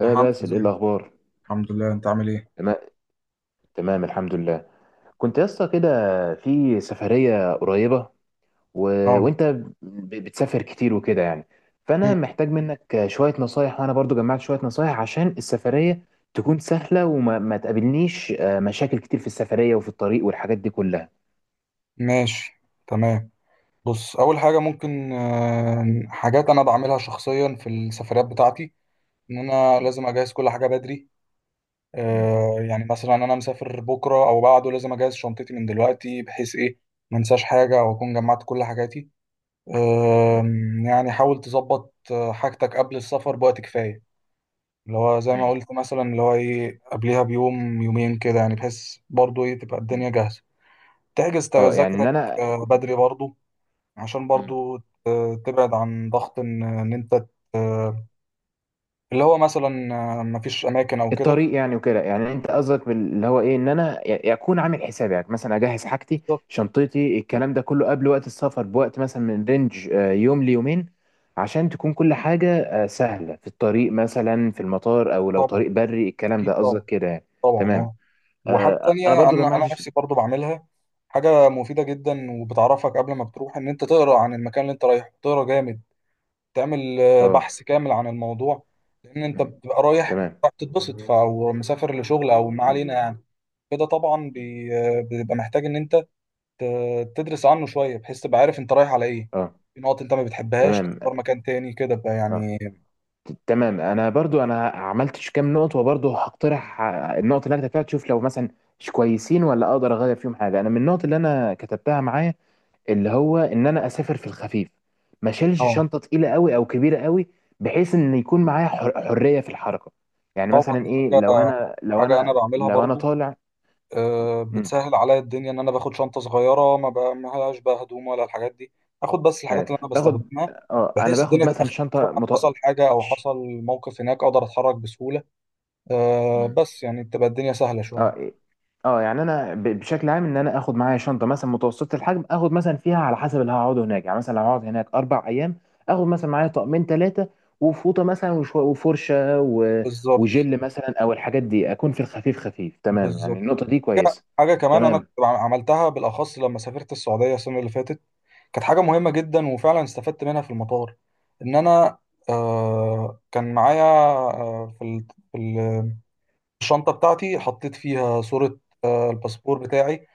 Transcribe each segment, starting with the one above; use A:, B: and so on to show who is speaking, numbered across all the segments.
A: يا
B: آه،
A: حمزة
B: باسل، ايه
A: ازيك؟
B: الاخبار؟
A: الحمد لله، انت عامل ايه؟
B: تمام، تمام الحمد لله. كنت يا اسطى كده في سفريه قريبه و...
A: اه.
B: وانت بتسافر كتير وكده يعني، فانا
A: مم.
B: محتاج منك شويه نصايح، وانا برضو جمعت شويه نصايح عشان السفريه تكون سهله وما ما تقابلنيش مشاكل كتير في السفريه وفي الطريق والحاجات دي كلها.
A: ماشي، تمام. بص، اول حاجه ممكن حاجات انا بعملها شخصيا في السفريات بتاعتي، ان انا
B: مم.
A: لازم اجهز كل حاجه بدري.
B: مم.
A: يعني مثلا انا مسافر بكره او بعده، لازم اجهز شنطتي من دلوقتي، بحيث ايه؟ ما انساش حاجه، او اكون جمعت كل حاجاتي. يعني حاول تظبط حاجتك قبل السفر بوقت كفايه، اللي هو زي ما
B: مم.
A: قلت، مثلا اللي هو ايه، قبلها بيوم يومين كده يعني، بحيث برضو ايه تبقى
B: مم.
A: الدنيا جاهزه، تحجز
B: اه. يعني ان
A: تذاكرك
B: انا
A: بدري برضو، عشان برضو تبعد عن ضغط إن انت آه، اللي هو مثلا مفيش اماكن او كده.
B: الطريق، يعني وكده يعني انت قصدك اللي هو ايه، ان انا اكون عامل حسابي. يعني مثلا اجهز حاجتي،
A: بالظبط،
B: شنطتي، الكلام ده كله قبل وقت السفر بوقت، مثلا من رينج يوم ليومين، عشان تكون كل حاجة سهلة في الطريق، مثلا في المطار او لو
A: طبعا.
B: طريق بري، الكلام ده
A: اكيد
B: قصدك
A: طبعا،
B: كده يعني.
A: طبعا
B: تمام.
A: اه. وحاجه تانية
B: انا برضو
A: انا
B: جمعت
A: انا نفسي برضو بعملها، حاجه مفيده جدا وبتعرفك قبل ما بتروح، ان انت تقرا عن المكان اللي انت رايحه، تقرا جامد، تعمل
B: اه.
A: بحث كامل عن الموضوع، لان انت
B: م،
A: بتبقى رايح
B: تمام.
A: بتتبسط او مسافر لشغل او ما
B: م،
A: علينا يعني. كده طبعا
B: م.
A: بيبقى محتاج ان انت تدرس عنه شوية، بحيث تبقى عارف انت رايح على ايه.
B: اه،
A: في نقط انت ما بتحبهاش،
B: تمام.
A: تختار مكان تاني كده بقى
B: اه،
A: يعني.
B: تمام. انا برضو عملتش كام نقطه، وبرضو هقترح النقط اللي انا كتبتها، تشوف لو مثلا مش كويسين، ولا اقدر اغير فيهم حاجه. انا من النقط اللي انا كتبتها معايا، اللي هو ان انا اسافر في الخفيف، ما شيلش
A: اه،
B: شنطه تقيله قوي او كبيره قوي، بحيث ان يكون معايا حريه في الحركه. يعني
A: طبعا
B: مثلا
A: دي
B: ايه، لو
A: حاجة،
B: انا لو
A: حاجة انا
B: انا
A: بعملها
B: لو انا
A: برضو،
B: طالع.
A: أه
B: مم،
A: بتسهل عليا الدنيا، ان انا باخد شنطة صغيرة ما بقى ملهاش بقى هدوم ولا الحاجات دي، اخد بس الحاجات اللي انا
B: باخد.
A: بستخدمها،
B: اه، انا
A: بحيث
B: باخد
A: الدنيا تبقى
B: مثلا
A: خفيفة.
B: شنطه
A: حصل حاجة او حصل موقف هناك، اقدر اتحرك بسهولة. أه بس يعني تبقى الدنيا سهلة شوية.
B: اه، إيه. اه، يعني انا بشكل عام ان انا اخد معايا شنطه مثلا متوسطه الحجم، اخد مثلا فيها على حسب اللي هقعده هناك، يعني مثلا لو هقعد هناك 4 ايام، اخد مثلا معايا طقمين، ثلاثه، وفوطه مثلا، وفرشه
A: بالظبط،
B: وجل مثلا، او الحاجات دي، اكون في الخفيف، خفيف تمام، يعني
A: بالظبط.
B: النقطه دي
A: حاجة،
B: كويسه.
A: حاجة كمان انا
B: تمام.
A: كنت عملتها بالاخص لما سافرت السعودية السنة اللي فاتت، كانت حاجة مهمة جدا وفعلا استفدت منها في المطار. إن أنا آه كان معايا آه في ال- الشنطة بتاعتي حطيت فيها صورة آه الباسبور بتاعي،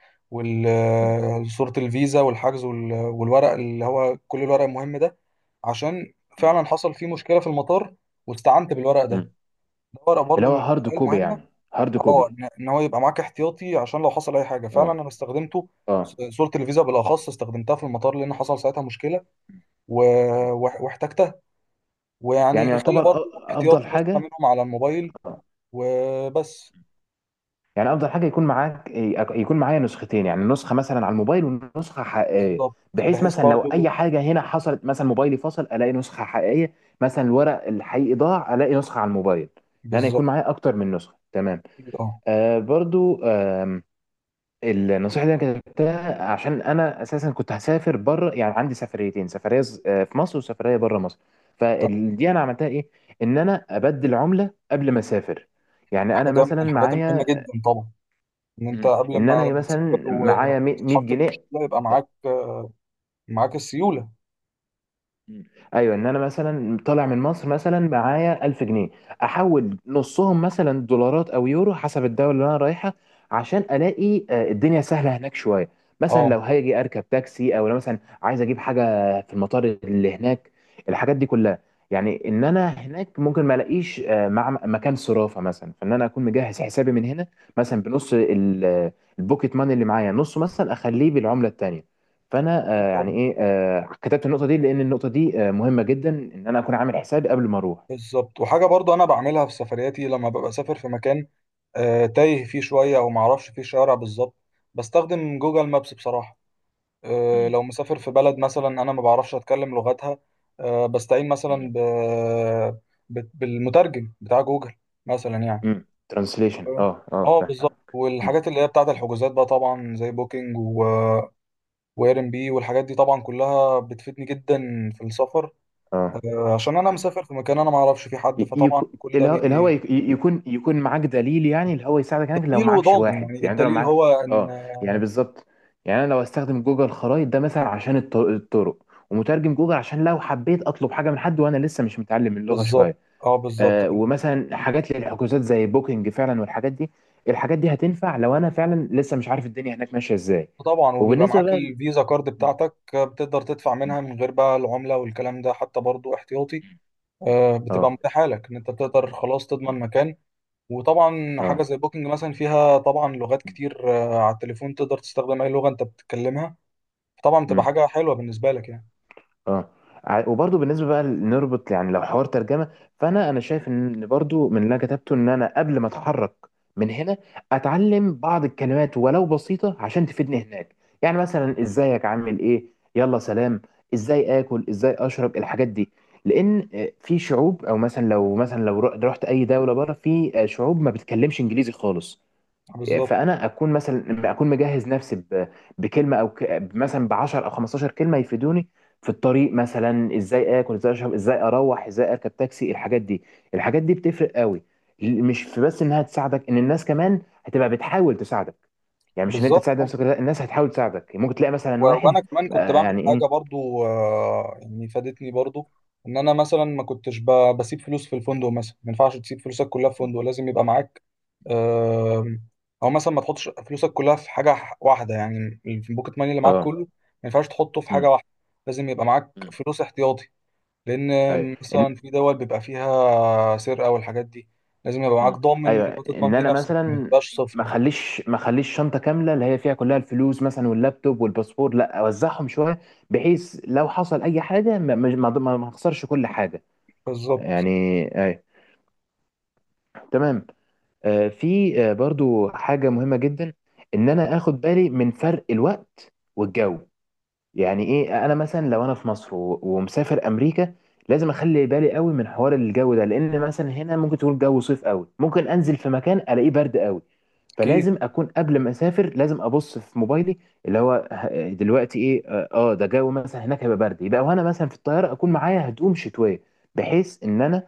B: مم.
A: وصورة الفيزا والحجز والورق اللي هو كل الورق المهم ده، عشان
B: مم.
A: فعلا حصل فيه مشكلة في المطار واستعنت بالورق
B: مم.
A: ده. ده ورق
B: اللي
A: برضو
B: هو
A: من
B: هارد
A: الحاجات
B: كوبي
A: المهمة،
B: يعني، هارد
A: اه
B: كوبي.
A: إن هو يبقى معاك احتياطي، عشان لو حصل أي حاجة، فعلا
B: اه.
A: أنا استخدمته.
B: اه.
A: صورة الفيزا بالأخص استخدمتها في المطار لأن حصل ساعتها مشكلة
B: مم. مم.
A: واحتجتها.
B: يعني
A: ويعني يخلي
B: يعتبر
A: برضو
B: افضل
A: احتياطي نسخة
B: حاجه.
A: منهم على الموبايل وبس.
B: يعني افضل حاجه يكون معاك إيه، يكون معايا نسختين، يعني نسخه مثلا على الموبايل ونسخه حقيقيه،
A: بالظبط،
B: بحيث
A: بحيث
B: مثلا لو اي
A: برضو.
B: حاجه هنا حصلت، مثلا موبايلي فصل، الاقي نسخه حقيقيه. مثلا الورق الحقيقي ضاع، الاقي نسخه على الموبايل. ان انا
A: بالظبط.
B: يكون معايا اكتر من نسخه. تمام.
A: أكيد اه.
B: برضو النصيحه اللي انا كتبتها، عشان انا اساسا كنت هسافر بره، يعني عندي سفريتين، سفريه في مصر، وسفريه بره مصر.
A: تمام.
B: فدي انا عملتها ايه، ان انا ابدل عمله قبل ما اسافر. يعني انا
A: حاجة من
B: مثلا
A: الحاجات المهمة
B: معايا.
A: جدا طبعا، ان انت
B: مم.
A: قبل
B: ان
A: ما،
B: انا
A: لما تسافر،
B: مثلا معايا 100
A: وتتحط في
B: جنيه
A: مشكلة، يبقى معاك، معاك السيولة.
B: مم. ايوه، ان انا مثلا طالع من مصر مثلا معايا 1000 جنيه، احول نصهم مثلا دولارات او يورو حسب الدوله اللي انا رايحه، عشان الاقي الدنيا سهله هناك شويه. مثلا
A: اه،
B: لو هاجي اركب تاكسي، او لو مثلا عايز اجيب حاجه في المطار اللي هناك، الحاجات دي كلها. يعني ان انا هناك ممكن ما الاقيش مع مكان صرافه مثلا، فان انا اكون مجهز حسابي من هنا، مثلا بنص البوكيت ماني اللي معايا، نصه مثلا اخليه بالعمله التانيه. فانا
A: أكيد طبعا.
B: يعني ايه كتبت النقطه دي، لان النقطه دي مهمه جدا، ان انا اكون عامل حسابي قبل ما اروح.
A: بالظبط، وحاجة برضو انا بعملها في سفرياتي، لما ببقى سافر في مكان تايه فيه شوية او معرفش فيه شارع بالظبط، بستخدم جوجل مابس بصراحة.
B: مم.
A: لو مسافر في بلد مثلا انا ما بعرفش اتكلم لغتها، بستعين مثلا بالمترجم بتاع جوجل مثلا يعني.
B: مم. ترانسليشن،
A: آه،
B: اه، اه،
A: اه بالظبط.
B: فاهم. مم.
A: والحاجات اللي هي بتاعت الحجوزات بقى، طبعا زي بوكينج، و... واير ام بي، والحاجات دي طبعا كلها بتفيدني جدا في السفر،
B: اه.
A: عشان انا
B: مم.
A: مسافر في مكان انا ما اعرفش فيه حد،
B: ي-
A: فطبعا
B: يكو-
A: كل ده
B: الهوا يكون معاك دليل، يعني الهوا يساعدك هناك لو
A: بديل
B: معكش
A: وضامن،
B: واحد.
A: يعني
B: يعني انت لو
A: الدليل هو
B: معكش،
A: ان،
B: اه، يعني بالظبط. يعني انا لو استخدم جوجل خرائط ده مثلا عشان الطرق، ومترجم جوجل عشان لو حبيت اطلب حاجه من حد وانا لسه مش متعلم اللغه
A: بالظبط.
B: شويه.
A: اه بالظبط
B: ومثلا حاجات للحجوزات زي بوكينج فعلا والحاجات دي، الحاجات دي هتنفع لو انا فعلا لسه مش عارف الدنيا هناك ماشيه ازاي.
A: طبعا. وبيبقى
B: وبالنسبه
A: معاك
B: بقى
A: الفيزا كارد بتاعتك، بتقدر تدفع منها من غير بقى العملة والكلام ده، حتى برضو احتياطي، بتبقى
B: اه.
A: متاحة لك، ان انت بتقدر خلاص تضمن مكان. وطبعا حاجة
B: اه.
A: زي بوكينج مثلا فيها طبعا لغات كتير، على التليفون تقدر تستخدم اي لغة انت بتتكلمها، طبعا بتبقى حاجة حلوة بالنسبة لك يعني.
B: اه. وبرضه بالنسبه بقى نربط، يعني لو حوار ترجمه، فانا شايف ان برضه من اللي أنا كتبته، ان انا قبل ما اتحرك من هنا، اتعلم بعض الكلمات ولو بسيطه عشان تفيدني هناك. يعني مثلا ازيك، عامل ايه، يلا سلام، ازاي اكل، ازاي اشرب، الحاجات دي. لان في شعوب، او مثلا لو مثلا لو رحت اي دوله بره، في شعوب ما بتتكلمش انجليزي خالص.
A: بالظبط،
B: فانا اكون مثلا، اكون مجهز نفسي بكلمه او مثلا ب 10 او 15 كلمه يفيدوني في الطريق، مثلا ازاي اكل، ازاي اشرب، ازاي اروح، ازاي اركب تاكسي، الحاجات دي. الحاجات دي بتفرق قوي، مش في بس انها تساعدك، ان الناس كمان هتبقى بتحاول تساعدك. يعني مش ان انت
A: بالظبط.
B: تساعد نفسك، لا، الناس هتحاول تساعدك. ممكن تلاقي مثلا واحد
A: وانا كمان كنت بعمل
B: يعني
A: حاجه
B: ايه.
A: برضو، يعني فادتني برضو، ان انا مثلا ما كنتش بسيب فلوس في الفندق، مثلا ما ينفعش تسيب فلوسك كلها في فندق، لازم يبقى معاك. آم، او مثلا ما تحطش فلوسك كلها في حاجه واحده، يعني البوكيت ماني اللي معاك
B: اه.
A: كله ما ينفعش تحطه في حاجه
B: امم.
A: واحده، لازم يبقى معاك فلوس احتياطي، لان
B: ايوه.
A: مثلا
B: إن-
A: في دول بيبقى فيها سرقه والحاجات دي، لازم يبقى معاك
B: مم.
A: ضامن
B: ايوه،
A: وتضمن
B: ان
A: بيه
B: انا
A: نفسك، ما
B: مثلا
A: تبقاش صفر
B: ما
A: يعني.
B: اخليش ما اخليش شنطه كامله اللي هي فيها كلها الفلوس مثلا واللابتوب والباسبور، لا، اوزعهم شويه، بحيث لو حصل اي حاجه ما اخسرش كل حاجه
A: بالظبط،
B: يعني. ايوه. تمام. في برضو حاجه مهمه جدا، ان انا اخد بالي من فرق الوقت والجو. يعني ايه، انا مثلا لو انا في مصر ومسافر امريكا، لازم اخلي بالي قوي من حوار الجو ده، لان مثلا هنا ممكن تقول جو صيف قوي، ممكن انزل في مكان الاقيه برد قوي.
A: اكيد.
B: فلازم اكون قبل ما اسافر لازم ابص في موبايلي، اللي هو دلوقتي ايه، اه، ده جو مثلا هناك هيبقى برد، يبقى وانا مثلا في الطياره اكون معايا هدوم شتويه، بحيث ان انا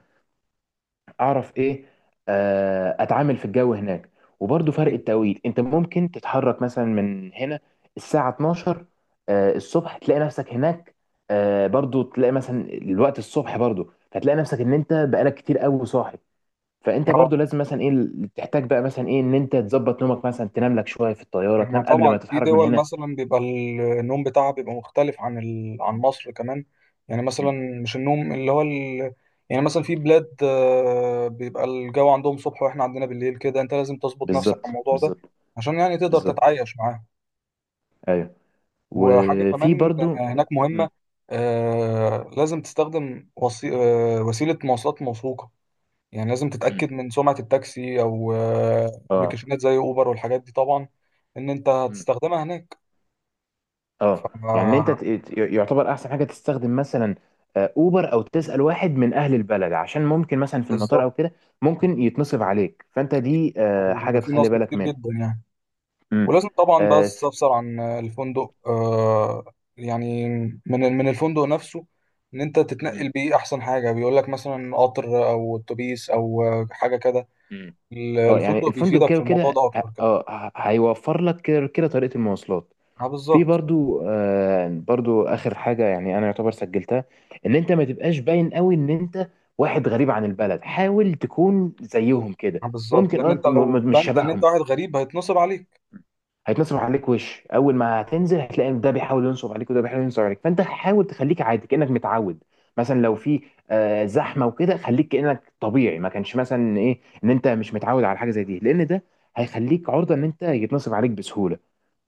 B: اعرف ايه، اتعامل في الجو هناك. وبرضه فرق
A: أكيد.
B: التوقيت، انت ممكن تتحرك مثلا من هنا الساعة 12 الصبح، تلاقي نفسك هناك، برضه تلاقي مثلا الوقت الصبح برضه، فتلاقي نفسك ان انت بقالك كتير قوي صاحي. فانت برضه لازم مثلا ايه تحتاج بقى مثلا ايه ان انت تظبط نومك، مثلا تنام لك شوية في الطيارة،
A: ما
B: تنام قبل
A: طبعا
B: ما
A: في
B: تتحرك من
A: دول
B: هنا.
A: مثلا بيبقى النوم بتاعها بيبقى مختلف عن عن مصر كمان، يعني
B: مم.
A: مثلا مش النوم اللي هو يعني مثلا في بلاد بيبقى الجو عندهم صبح واحنا عندنا بالليل كده، انت لازم تظبط نفسك على
B: بالظبط،
A: الموضوع ده،
B: بالظبط،
A: عشان يعني تقدر
B: بالظبط.
A: تتعايش معاه.
B: ايوه.
A: وحاجة
B: وفي
A: كمان
B: برضه.
A: هناك
B: مم.
A: مهمة، لازم تستخدم وسيلة مواصلات موثوقة، يعني لازم
B: مم.
A: تتأكد من سمعة التاكسي، او
B: اه.
A: ابلكيشنات زي اوبر والحاجات دي طبعا، ان انت هتستخدمها
B: اه. يعني إن انت
A: هناك.
B: يعتبر احسن حاجه تستخدم مثلا اوبر، او تسال واحد من اهل البلد، عشان ممكن مثلا في المطار
A: بالظبط،
B: او كده ممكن يتنصب عليك. فانت دي حاجه
A: وبيبقى فيه
B: تخلي
A: نصب
B: بالك
A: كتير
B: منها.
A: جدا يعني،
B: امم.
A: ولازم طبعا بقى
B: اه.
A: تستفسر عن الفندق، آه يعني من الفندق نفسه، ان انت تتنقل
B: مم.
A: بيه احسن حاجه، بيقول لك مثلا قطر او اتوبيس او حاجه كده.
B: مم. يعني
A: الفندق
B: الفندق
A: بيفيدك
B: كده
A: في الموضوع
B: وكده
A: ده اكتر كده.
B: هيوفر لك كده كده طريقه المواصلات.
A: اه
B: في
A: بالظبط.
B: برضو برضو اخر حاجه، يعني انا يعتبر سجلتها، ان انت ما تبقاش باين قوي ان انت واحد غريب عن البلد، حاول تكون زيهم كده.
A: اه بالظبط،
B: ممكن،
A: لان
B: اه،
A: انت لو
B: مش
A: بنت ان انت
B: شبههم،
A: واحد غريب، هيتنصب عليك.
B: هيتنصب عليك. وش اول ما هتنزل هتلاقي ان ده بيحاول ينصب عليك، وده بيحاول ينصب عليك، فانت حاول تخليك عادي كانك متعود. مثلا لو في زحمه وكده، خليك كانك طبيعي، ما كانش مثلا ايه ان انت مش متعود على حاجه زي دي، لان ده هيخليك عرضه ان انت يتنصب عليك بسهوله.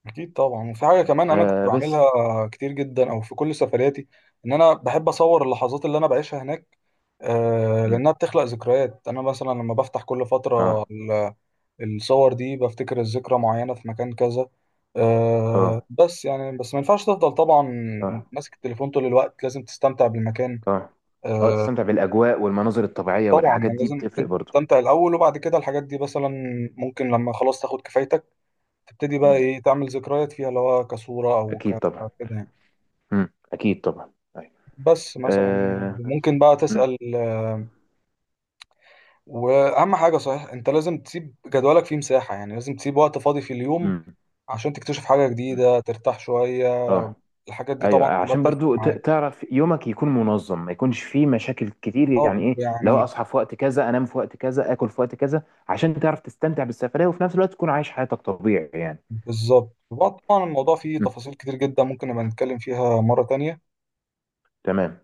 A: اكيد طبعا. وفي حاجه كمان انا كنت
B: آه، بس.
A: بعملها كتير جدا، او في كل سفرياتي، ان انا بحب اصور اللحظات اللي انا بعيشها هناك،
B: مم.
A: لانها بتخلق ذكريات، انا مثلا لما بفتح كل فتره
B: اه.
A: الصور دي، بفتكر الذكرى معينه في مكان كذا.
B: اه.
A: بس يعني، بس ما ينفعش تفضل طبعا
B: اه.
A: ماسك التليفون طول الوقت، لازم تستمتع بالمكان.
B: اه. اه.
A: آه،
B: تستمتع بالاجواء والمناظر الطبيعيه
A: طبعا
B: والحاجات
A: يعني
B: دي
A: لازم
B: بتفرق
A: انت
B: برضه.
A: تستمتع الاول، وبعد كده الحاجات دي مثلا، ممكن لما خلاص تاخد كفايتك، تبتدي بقى
B: مم.
A: ايه تعمل ذكريات فيها، اللي هو كصوره او
B: اكيد طبعا.
A: كده يعني.
B: مم. اكيد طبعا. أيوة.
A: بس مثلا يعني
B: آه.
A: ممكن بقى
B: مم.
A: تسأل وأهم حاجة صحيح، أنت لازم تسيب جدولك فيه مساحة، يعني لازم تسيب وقت فاضي في اليوم،
B: مم.
A: عشان تكتشف حاجة
B: مم.
A: جديدة، ترتاح شوية.
B: اه.
A: الحاجات دي
B: ايوه،
A: طبعا كلها
B: عشان
A: بتفرق
B: برضو
A: معاك.
B: تعرف يومك يكون منظم، ما يكونش فيه مشاكل كتير.
A: اه
B: يعني ايه، لو
A: يعني،
B: اصحى في وقت كذا، انام في وقت كذا، اكل في وقت كذا، عشان تعرف تستمتع بالسفرية وفي نفس الوقت تكون عايش حياتك طبيعي يعني.
A: بالظبط. وبقى طبعا الموضوع فيه
B: م،
A: تفاصيل كتير جدا، ممكن نبقى نتكلم فيها مرة تانية.
B: تمام.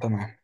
A: تمام.